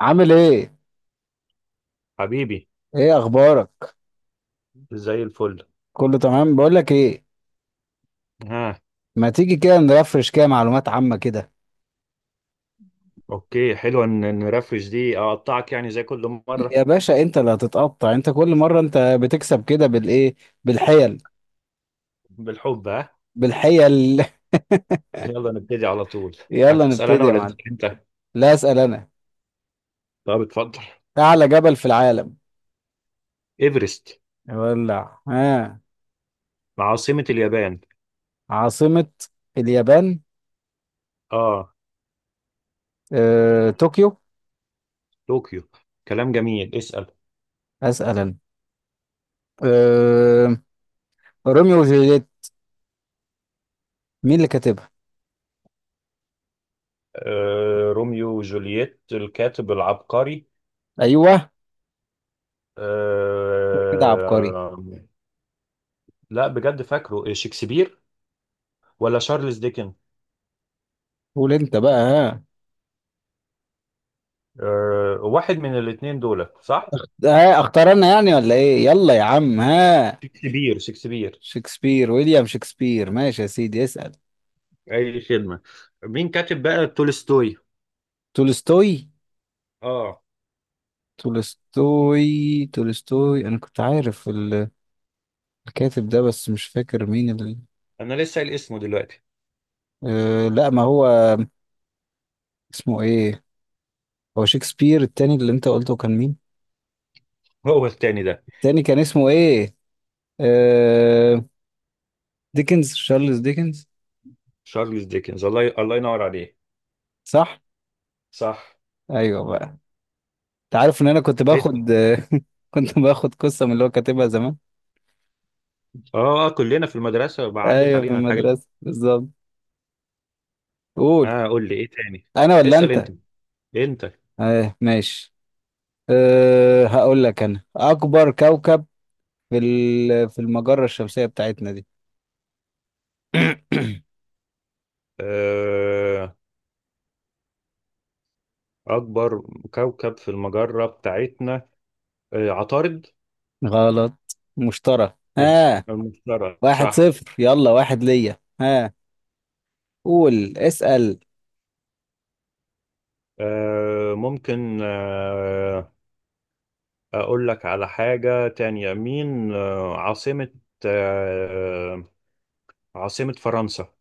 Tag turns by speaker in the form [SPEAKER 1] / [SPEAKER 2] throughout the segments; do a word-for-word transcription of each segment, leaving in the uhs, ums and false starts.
[SPEAKER 1] عامل ايه؟
[SPEAKER 2] حبيبي.
[SPEAKER 1] ايه اخبارك؟
[SPEAKER 2] زي الفل.
[SPEAKER 1] كله تمام. بقول لك ايه،
[SPEAKER 2] ها.
[SPEAKER 1] ما تيجي كده نرفرش كده معلومات عامة كده.
[SPEAKER 2] اوكي حلو، ان إن نرفرش دي اقطعك يعني زي كل مره.
[SPEAKER 1] يا باشا انت اللي هتتقطع انت كل مرة. انت بتكسب كده بالايه؟ بالحيل.
[SPEAKER 2] بالحب. ها.
[SPEAKER 1] بالحيل
[SPEAKER 2] يلا نبتدي على طول.
[SPEAKER 1] يلا
[SPEAKER 2] اسال انا
[SPEAKER 1] نبتدي يا
[SPEAKER 2] ولا تسال
[SPEAKER 1] معلم.
[SPEAKER 2] انت؟
[SPEAKER 1] لا، اسأل انا.
[SPEAKER 2] طب اتفضل.
[SPEAKER 1] اعلى جبل في العالم؟
[SPEAKER 2] ايفرست.
[SPEAKER 1] ولع ها.
[SPEAKER 2] عاصمه اليابان.
[SPEAKER 1] عاصمة اليابان.
[SPEAKER 2] اه.
[SPEAKER 1] آه، طوكيو.
[SPEAKER 2] طوكيو. كلام جميل، اسال.
[SPEAKER 1] اسأل انا. آه، روميو وجولييت، مين اللي كاتبها؟
[SPEAKER 2] آه روميو وجولييت الكاتب العبقري.
[SPEAKER 1] ايوه كده عبقري.
[SPEAKER 2] آه لا بجد، فاكره إيه، شكسبير ولا شارلز ديكن؟
[SPEAKER 1] قول انت بقى ها.
[SPEAKER 2] آه، واحد من الاثنين دول صح.
[SPEAKER 1] ده اختار انا يعني ولا ايه، يلا يا عم ها.
[SPEAKER 2] شكسبير، شكسبير.
[SPEAKER 1] شكسبير، ويليام شكسبير، ماشي يا سيدي. اسأل.
[SPEAKER 2] اي خدمه. مين كاتب بقى تولستوي؟
[SPEAKER 1] تولستوي
[SPEAKER 2] اه.
[SPEAKER 1] تولستوي تولستوي. انا كنت عارف ال- الكاتب ده بس مش فاكر مين ال...
[SPEAKER 2] انا لسه قايل اسمه دلوقتي.
[SPEAKER 1] آه لا، ما هو اسمه ايه. هو شكسبير التاني اللي انت قلته كان مين؟
[SPEAKER 2] هو التاني ده.
[SPEAKER 1] التاني كان اسمه ايه؟ آه، ديكنز، شارلز ديكنز.
[SPEAKER 2] شارلز ديكنز. الله ي... الله ينور عليه.
[SPEAKER 1] صح.
[SPEAKER 2] صح.
[SPEAKER 1] ايوه بقى، انت عارف ان انا كنت
[SPEAKER 2] اسال.
[SPEAKER 1] باخد كنت باخد قصة من اللي هو كاتبها زمان.
[SPEAKER 2] اه، آه، كلنا في المدرسه عدت
[SPEAKER 1] ايوه، في
[SPEAKER 2] علينا الحاجات دي.
[SPEAKER 1] المدرسة بالظبط. قول.
[SPEAKER 2] اه، قول لي ايه تاني.
[SPEAKER 1] انا ولا
[SPEAKER 2] اسال انت.
[SPEAKER 1] انت؟
[SPEAKER 2] انت
[SPEAKER 1] آه ماشي. أه هقول لك. انا اكبر كوكب في ال- في المجرة الشمسية بتاعتنا دي
[SPEAKER 2] آه، اكبر كوكب في المجره بتاعتنا. آه عطارد.
[SPEAKER 1] غلط. مشترى ها.
[SPEAKER 2] المشتري
[SPEAKER 1] واحد
[SPEAKER 2] صح.
[SPEAKER 1] صفر، يلا، واحد ليا ها. قول، اسأل.
[SPEAKER 2] آه ممكن آه أقول لك على حاجة تانية. مين آه، عاصمة آه، عاصمة فرنسا.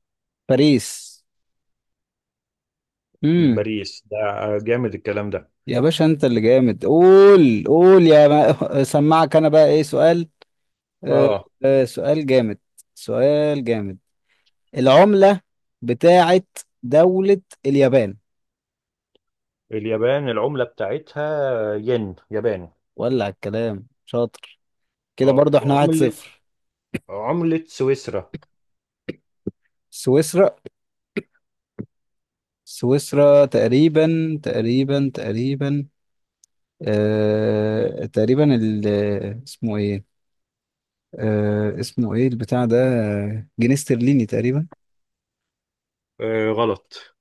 [SPEAKER 1] باريس. امم
[SPEAKER 2] باريس ده. آه، جامد الكلام ده.
[SPEAKER 1] يا باشا انت اللي جامد. قول قول يا ما... سمعك. انا بقى ايه سؤال؟ أه.
[SPEAKER 2] اه،
[SPEAKER 1] أه سؤال جامد، سؤال جامد. العملة بتاعت دولة اليابان.
[SPEAKER 2] اليابان العملة بتاعتها ين ياباني.
[SPEAKER 1] ولع الكلام، شاطر. كده
[SPEAKER 2] آه،
[SPEAKER 1] برضه احنا واحد
[SPEAKER 2] عملة
[SPEAKER 1] صفر.
[SPEAKER 2] عملة سويسرا.
[SPEAKER 1] سويسرا. سويسرا تقريبا. تقريبا تقريبا. آه تقريبا ال اسمه ايه. آه اسمه ايه البتاع ده، آه، جنيه استرليني تقريبا.
[SPEAKER 2] آه، غلط.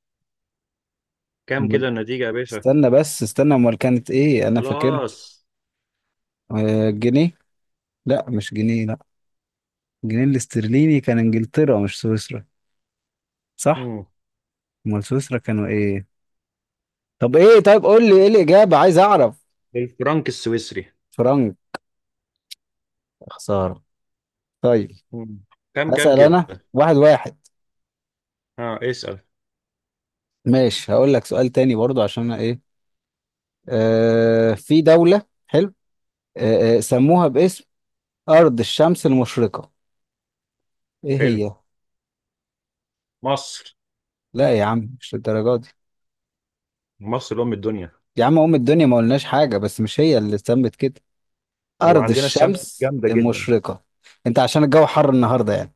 [SPEAKER 2] كام
[SPEAKER 1] أمال-
[SPEAKER 2] كده النتيجة يا باشا؟
[SPEAKER 1] استنى بس، استنى، امال كانت ايه انا فاكرها.
[SPEAKER 2] خلاص.
[SPEAKER 1] آه جنيه، لا مش جنيه، لا. الجنيه الاسترليني كان انجلترا مش سويسرا، صح.
[SPEAKER 2] مم.
[SPEAKER 1] امال سويسرا كانوا ايه؟ طب ايه، طيب قول لي ايه الاجابه، عايز اعرف.
[SPEAKER 2] الفرنك السويسري.
[SPEAKER 1] فرنك. خساره. طيب.
[SPEAKER 2] مم. كام كام
[SPEAKER 1] هسأل
[SPEAKER 2] كده.
[SPEAKER 1] انا، واحد واحد.
[SPEAKER 2] اه اسأل.
[SPEAKER 1] ماشي. هقول لك سؤال تاني برضو عشان أنا ايه. آه في دولة حلو، آه آه، سموها باسم أرض الشمس المشرقة، ايه
[SPEAKER 2] حلو.
[SPEAKER 1] هي؟
[SPEAKER 2] مصر.
[SPEAKER 1] لا يا عم مش للدرجة دي.
[SPEAKER 2] مصر أم الدنيا.
[SPEAKER 1] يا عم أم الدنيا ما قلناش حاجة بس مش هي اللي اتسمت كده أرض
[SPEAKER 2] وعندنا الشمس
[SPEAKER 1] الشمس
[SPEAKER 2] جامدة جدا.
[SPEAKER 1] المشرقة. انت عشان الجو حر النهاردة يعني.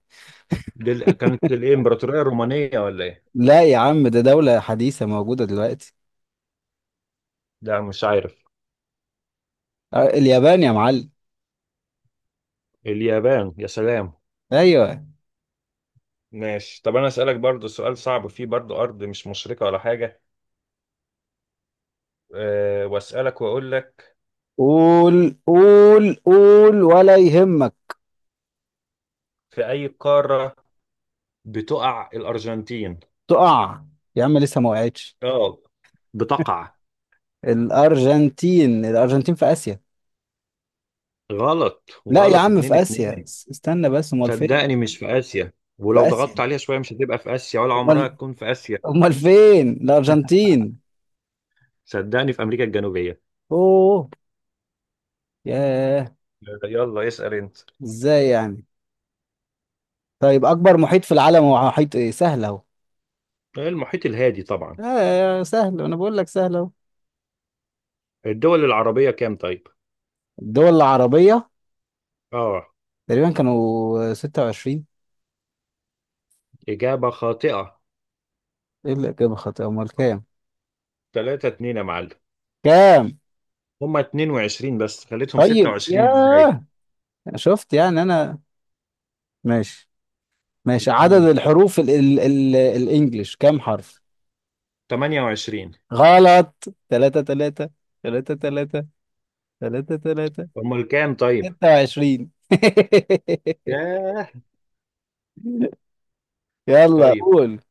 [SPEAKER 2] دي ال- كانت الإمبراطورية الرومانية ولا إيه؟
[SPEAKER 1] لا يا عم، ده دولة حديثة موجودة دلوقتي.
[SPEAKER 2] لا مش عارف.
[SPEAKER 1] آه، اليابان يا معلم.
[SPEAKER 2] اليابان يا سلام.
[SPEAKER 1] ايوه.
[SPEAKER 2] ماشي، طب أنا أسألك برضو سؤال صعب فيه برضو، أرض مش مشرقة ولا حاجة. أه وأسألك وأقول لك.
[SPEAKER 1] قول قول قول ولا يهمك.
[SPEAKER 2] في أي قارة بتقع الأرجنتين؟
[SPEAKER 1] تقع. يا عم لسه ما وقعتش.
[SPEAKER 2] آه. بتقع.
[SPEAKER 1] الأرجنتين. الأرجنتين في آسيا.
[SPEAKER 2] غلط
[SPEAKER 1] لا يا
[SPEAKER 2] وغلط،
[SPEAKER 1] عم في
[SPEAKER 2] اتنين
[SPEAKER 1] آسيا،
[SPEAKER 2] اتنين.
[SPEAKER 1] اس- استنى بس، أمال فين؟
[SPEAKER 2] صدقني مش في آسيا،
[SPEAKER 1] في
[SPEAKER 2] ولو ضغطت
[SPEAKER 1] آسيا.
[SPEAKER 2] عليها شوية مش هتبقى في آسيا، ولا عمرها
[SPEAKER 1] أمال
[SPEAKER 2] تكون في آسيا.
[SPEAKER 1] أمال فين الأرجنتين؟
[SPEAKER 2] صدقني في أمريكا الجنوبية.
[SPEAKER 1] أوه. ياه.
[SPEAKER 2] آه، يلا اسأل أنت.
[SPEAKER 1] إزاي يعني. طيب أكبر محيط في العالم هو محيط إيه، سهل أهو.
[SPEAKER 2] المحيط الهادي طبعا.
[SPEAKER 1] آه سهل، أنا بقول لك سهل أهو.
[SPEAKER 2] الدول العربية كام طيب؟
[SPEAKER 1] الدول العربية
[SPEAKER 2] اه.
[SPEAKER 1] تقريبا كانوا ستة وعشرين.
[SPEAKER 2] إجابة خاطئة.
[SPEAKER 1] إيه الإجابة خاطئة، أمال كام
[SPEAKER 2] ثلاثة اتنين يا معلم.
[SPEAKER 1] كام؟
[SPEAKER 2] هما اتنين وعشرين بس خليتهم
[SPEAKER 1] طيب.
[SPEAKER 2] ستة وعشرين إزاي؟
[SPEAKER 1] ياه. شفت يعني أنا. ماشي. ماشي. عدد
[SPEAKER 2] مم.
[SPEAKER 1] الحروف ال ال ال الإنجليش كام حرف.
[SPEAKER 2] ثمانية وعشرون.
[SPEAKER 1] غلط. تلاتة تلاتة تلاتة تلاتة تلاتة تلاتة.
[SPEAKER 2] أمال كام طيب؟
[SPEAKER 1] ستة وعشرين
[SPEAKER 2] ياه.
[SPEAKER 1] يلا
[SPEAKER 2] طيب،
[SPEAKER 1] قول.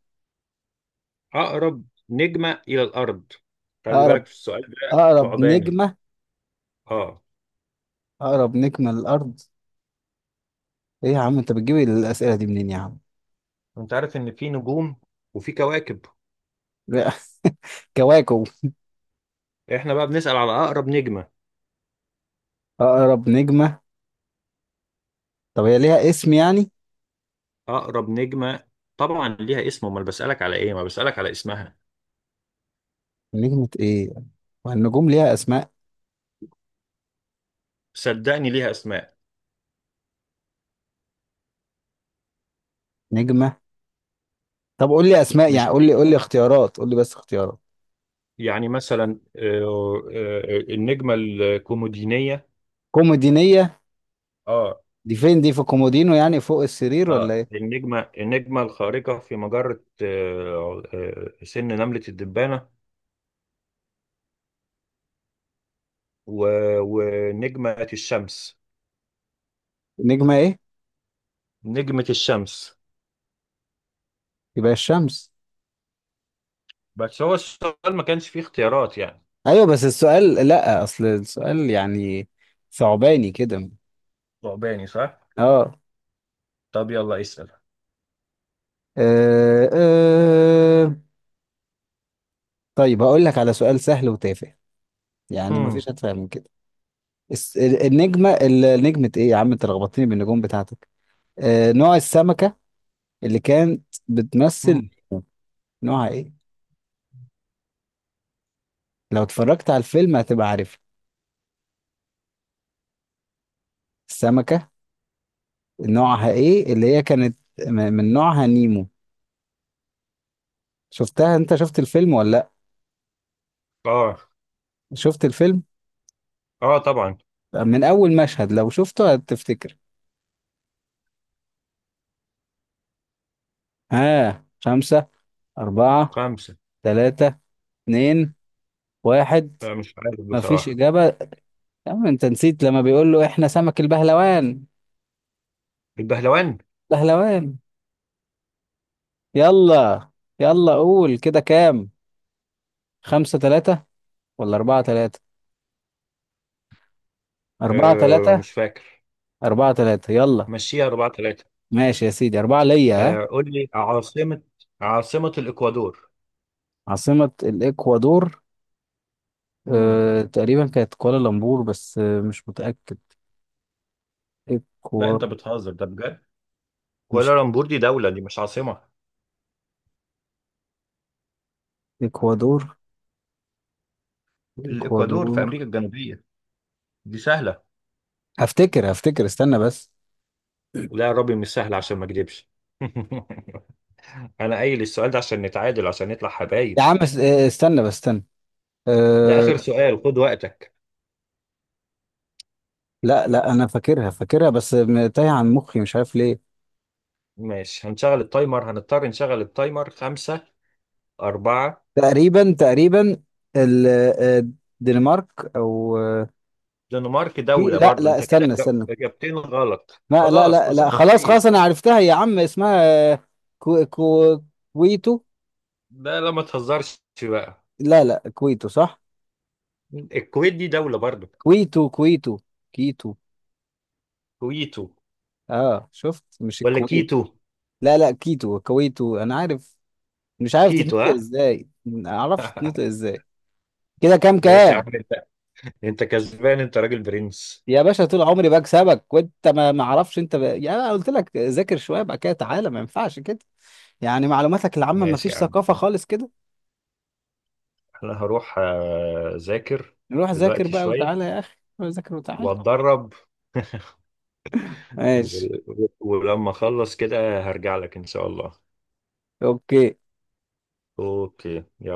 [SPEAKER 2] أقرب نجمة إلى الأرض. خلي
[SPEAKER 1] أقرب
[SPEAKER 2] بالك في السؤال ده
[SPEAKER 1] أقرب
[SPEAKER 2] صعباني.
[SPEAKER 1] نجمة.
[SPEAKER 2] آه.
[SPEAKER 1] أقرب نجمة للأرض. إيه يا عم أنت بتجيب الأسئلة دي منين يا عم.
[SPEAKER 2] أنت عارف إن في نجوم وفي كواكب.
[SPEAKER 1] لا. كواكب.
[SPEAKER 2] إحنا بقى بنسأل على أقرب نجمة.
[SPEAKER 1] أقرب نجمة. طب هي ليها اسم يعني؟
[SPEAKER 2] أقرب نجمة طبعا ليها اسم، أمال بسألك على إيه؟ ما بسألك على اسمها.
[SPEAKER 1] نجمة إيه؟ والنجوم ليها أسماء.
[SPEAKER 2] صدقني ليها أسماء.
[SPEAKER 1] نجمة. طب قول لي أسماء يعني،
[SPEAKER 2] مش
[SPEAKER 1] قول لي
[SPEAKER 2] في.
[SPEAKER 1] قول لي اختيارات، قول لي بس اختيارات.
[SPEAKER 2] يعني مثلا، آه، آه، النجمة الكومودينية.
[SPEAKER 1] كومودينية.
[SPEAKER 2] اه.
[SPEAKER 1] دي فين، دي في كومودينو، يعني فوق السرير ولا
[SPEAKER 2] اه،
[SPEAKER 1] إيه.
[SPEAKER 2] النجمة النجمة الخارقة في مجرة، آه، آه، سن نملة الدبانة. و- ونجمة الشمس.
[SPEAKER 1] نجمة إيه.
[SPEAKER 2] نجمة الشمس.
[SPEAKER 1] يبقى الشمس.
[SPEAKER 2] بس هو السؤال ما كانش فيه اختيارات يعني.
[SPEAKER 1] ايوه بس السؤال، لا اصل السؤال يعني ثعباني كده.
[SPEAKER 2] ثعباني صح.
[SPEAKER 1] اه.
[SPEAKER 2] طب يلا اسال.
[SPEAKER 1] آه، آه. طيب هقول لك على سؤال سهل وتافه، يعني
[SPEAKER 2] مم.
[SPEAKER 1] مفيش اتفه من كده. الس- ال- النجمه ال- نجمه ايه، يا عم انت لخبطتني بالنجوم بتاعتك. آه نوع السمكه اللي كانت
[SPEAKER 2] مم.
[SPEAKER 1] بتمثل، نوعها ايه؟ لو اتفرجت على الفيلم هتبقى عارف. السمكه نوعها ايه اللي هي كانت م- من نوعها، نيمو. شفتها؟ انت شفت الفيلم ولا لا؟
[SPEAKER 2] اه.
[SPEAKER 1] شفت الفيلم.
[SPEAKER 2] اه طبعا.
[SPEAKER 1] من أول مشهد لو شفته هتفتكر. ها. خمسة، أربعة،
[SPEAKER 2] خمسة.
[SPEAKER 1] ثلاثة، اتنين، واحد.
[SPEAKER 2] لا مش عارف
[SPEAKER 1] مفيش
[SPEAKER 2] بصراحة.
[SPEAKER 1] إجابة. يا عم أنت نسيت لما بيقول له إحنا سمك البهلوان.
[SPEAKER 2] البهلوان.
[SPEAKER 1] بهلوان. يلا. يلا قول كده، كام؟ خمسة ثلاثة ولا أربعة ثلاثة؟ أربعة
[SPEAKER 2] آه
[SPEAKER 1] ثلاثة.
[SPEAKER 2] مش فاكر.
[SPEAKER 1] أربعة ثلاثة يلا.
[SPEAKER 2] مشيها أربعة ثلاثة.
[SPEAKER 1] ماشي يا سيدي، أربعة ليا ها.
[SPEAKER 2] آه، قول لي عاصمة عاصمة الإكوادور.
[SPEAKER 1] عاصمة الإكوادور.
[SPEAKER 2] مم.
[SPEAKER 1] أه تقريبا كانت كوالالمبور بس، آه، مش متأكد.
[SPEAKER 2] لا
[SPEAKER 1] إكوا.
[SPEAKER 2] انت بتهزر ده بجد.
[SPEAKER 1] مش.
[SPEAKER 2] كوالالمبور دي دولة، دي مش عاصمة.
[SPEAKER 1] إكوادور.
[SPEAKER 2] الإكوادور في
[SPEAKER 1] الإكوادور.
[SPEAKER 2] أمريكا الجنوبية. دي سهلة.
[SPEAKER 1] هفتكر هفتكر استنى بس.
[SPEAKER 2] لا يا ربي مش سهل عشان ما أكدبش. أنا قايل السؤال ده عشان نتعادل، عشان نطلع
[SPEAKER 1] يا
[SPEAKER 2] حبايب.
[SPEAKER 1] عم اس- آه، استنى بس، استنى.
[SPEAKER 2] ده آخر
[SPEAKER 1] أه.
[SPEAKER 2] سؤال، خد وقتك.
[SPEAKER 1] لا لا انا فاكرها فاكرها بس م- تايه عن مخي مش عارف ليه.
[SPEAKER 2] ماشي، هنشغل التايمر، هنضطر نشغل التايمر. خمسة. أربعة.
[SPEAKER 1] تقريبا تقريبا ال- آه، الدنمارك او، آه،
[SPEAKER 2] دنمارك
[SPEAKER 1] في-
[SPEAKER 2] دولة
[SPEAKER 1] لا
[SPEAKER 2] برضو،
[SPEAKER 1] لا
[SPEAKER 2] أنت كده
[SPEAKER 1] استنى
[SPEAKER 2] إجاب-
[SPEAKER 1] استنى.
[SPEAKER 2] إجابتين غلط،
[SPEAKER 1] لا لا
[SPEAKER 2] خلاص
[SPEAKER 1] لا
[SPEAKER 2] كل سنة
[SPEAKER 1] لا
[SPEAKER 2] وأنت
[SPEAKER 1] خلاص خلاص
[SPEAKER 2] طيب.
[SPEAKER 1] انا عرفتها يا عم اسمها، آه، كو كو كويتو.
[SPEAKER 2] ده لا ما تهزرش بقى.
[SPEAKER 1] لا لا، كويتو صح.
[SPEAKER 2] الكويت دي دولة برضو.
[SPEAKER 1] كويتو كويتو. كيتو.
[SPEAKER 2] كويتو
[SPEAKER 1] اه شفت، مش
[SPEAKER 2] ولا
[SPEAKER 1] الكويت.
[SPEAKER 2] كيتو؟
[SPEAKER 1] لا لا، كيتو كويتو، انا عارف. مش عارف
[SPEAKER 2] كيتو
[SPEAKER 1] تتنطق
[SPEAKER 2] ها.
[SPEAKER 1] ازاي، ما اعرفش تتنطق ازاي. كده كام
[SPEAKER 2] ماشي يا عم.
[SPEAKER 1] كام؟
[SPEAKER 2] انت انت كسبان، انت راجل برنس.
[SPEAKER 1] يا باشا طول عمري بكسبك وانت ما ما اعرفش انت ب... يعني انا قلت لك ذاكر شويه بقى كده، تعالى ما ينفعش كده. يعني معلوماتك العامه ما
[SPEAKER 2] ماشي يا
[SPEAKER 1] فيش
[SPEAKER 2] عم.
[SPEAKER 1] ثقافه خالص كده.
[SPEAKER 2] انا هروح، آه، اذاكر
[SPEAKER 1] نروح ذاكر
[SPEAKER 2] دلوقتي
[SPEAKER 1] بقى
[SPEAKER 2] شوية
[SPEAKER 1] وتعالى يا اخي، روح ذاكر وتعالى.
[SPEAKER 2] واتدرب.
[SPEAKER 1] ماشي.
[SPEAKER 2] و- ولما اخلص كده هرجع لك ان شاء الله.
[SPEAKER 1] اوكي.
[SPEAKER 2] اوكي يلا.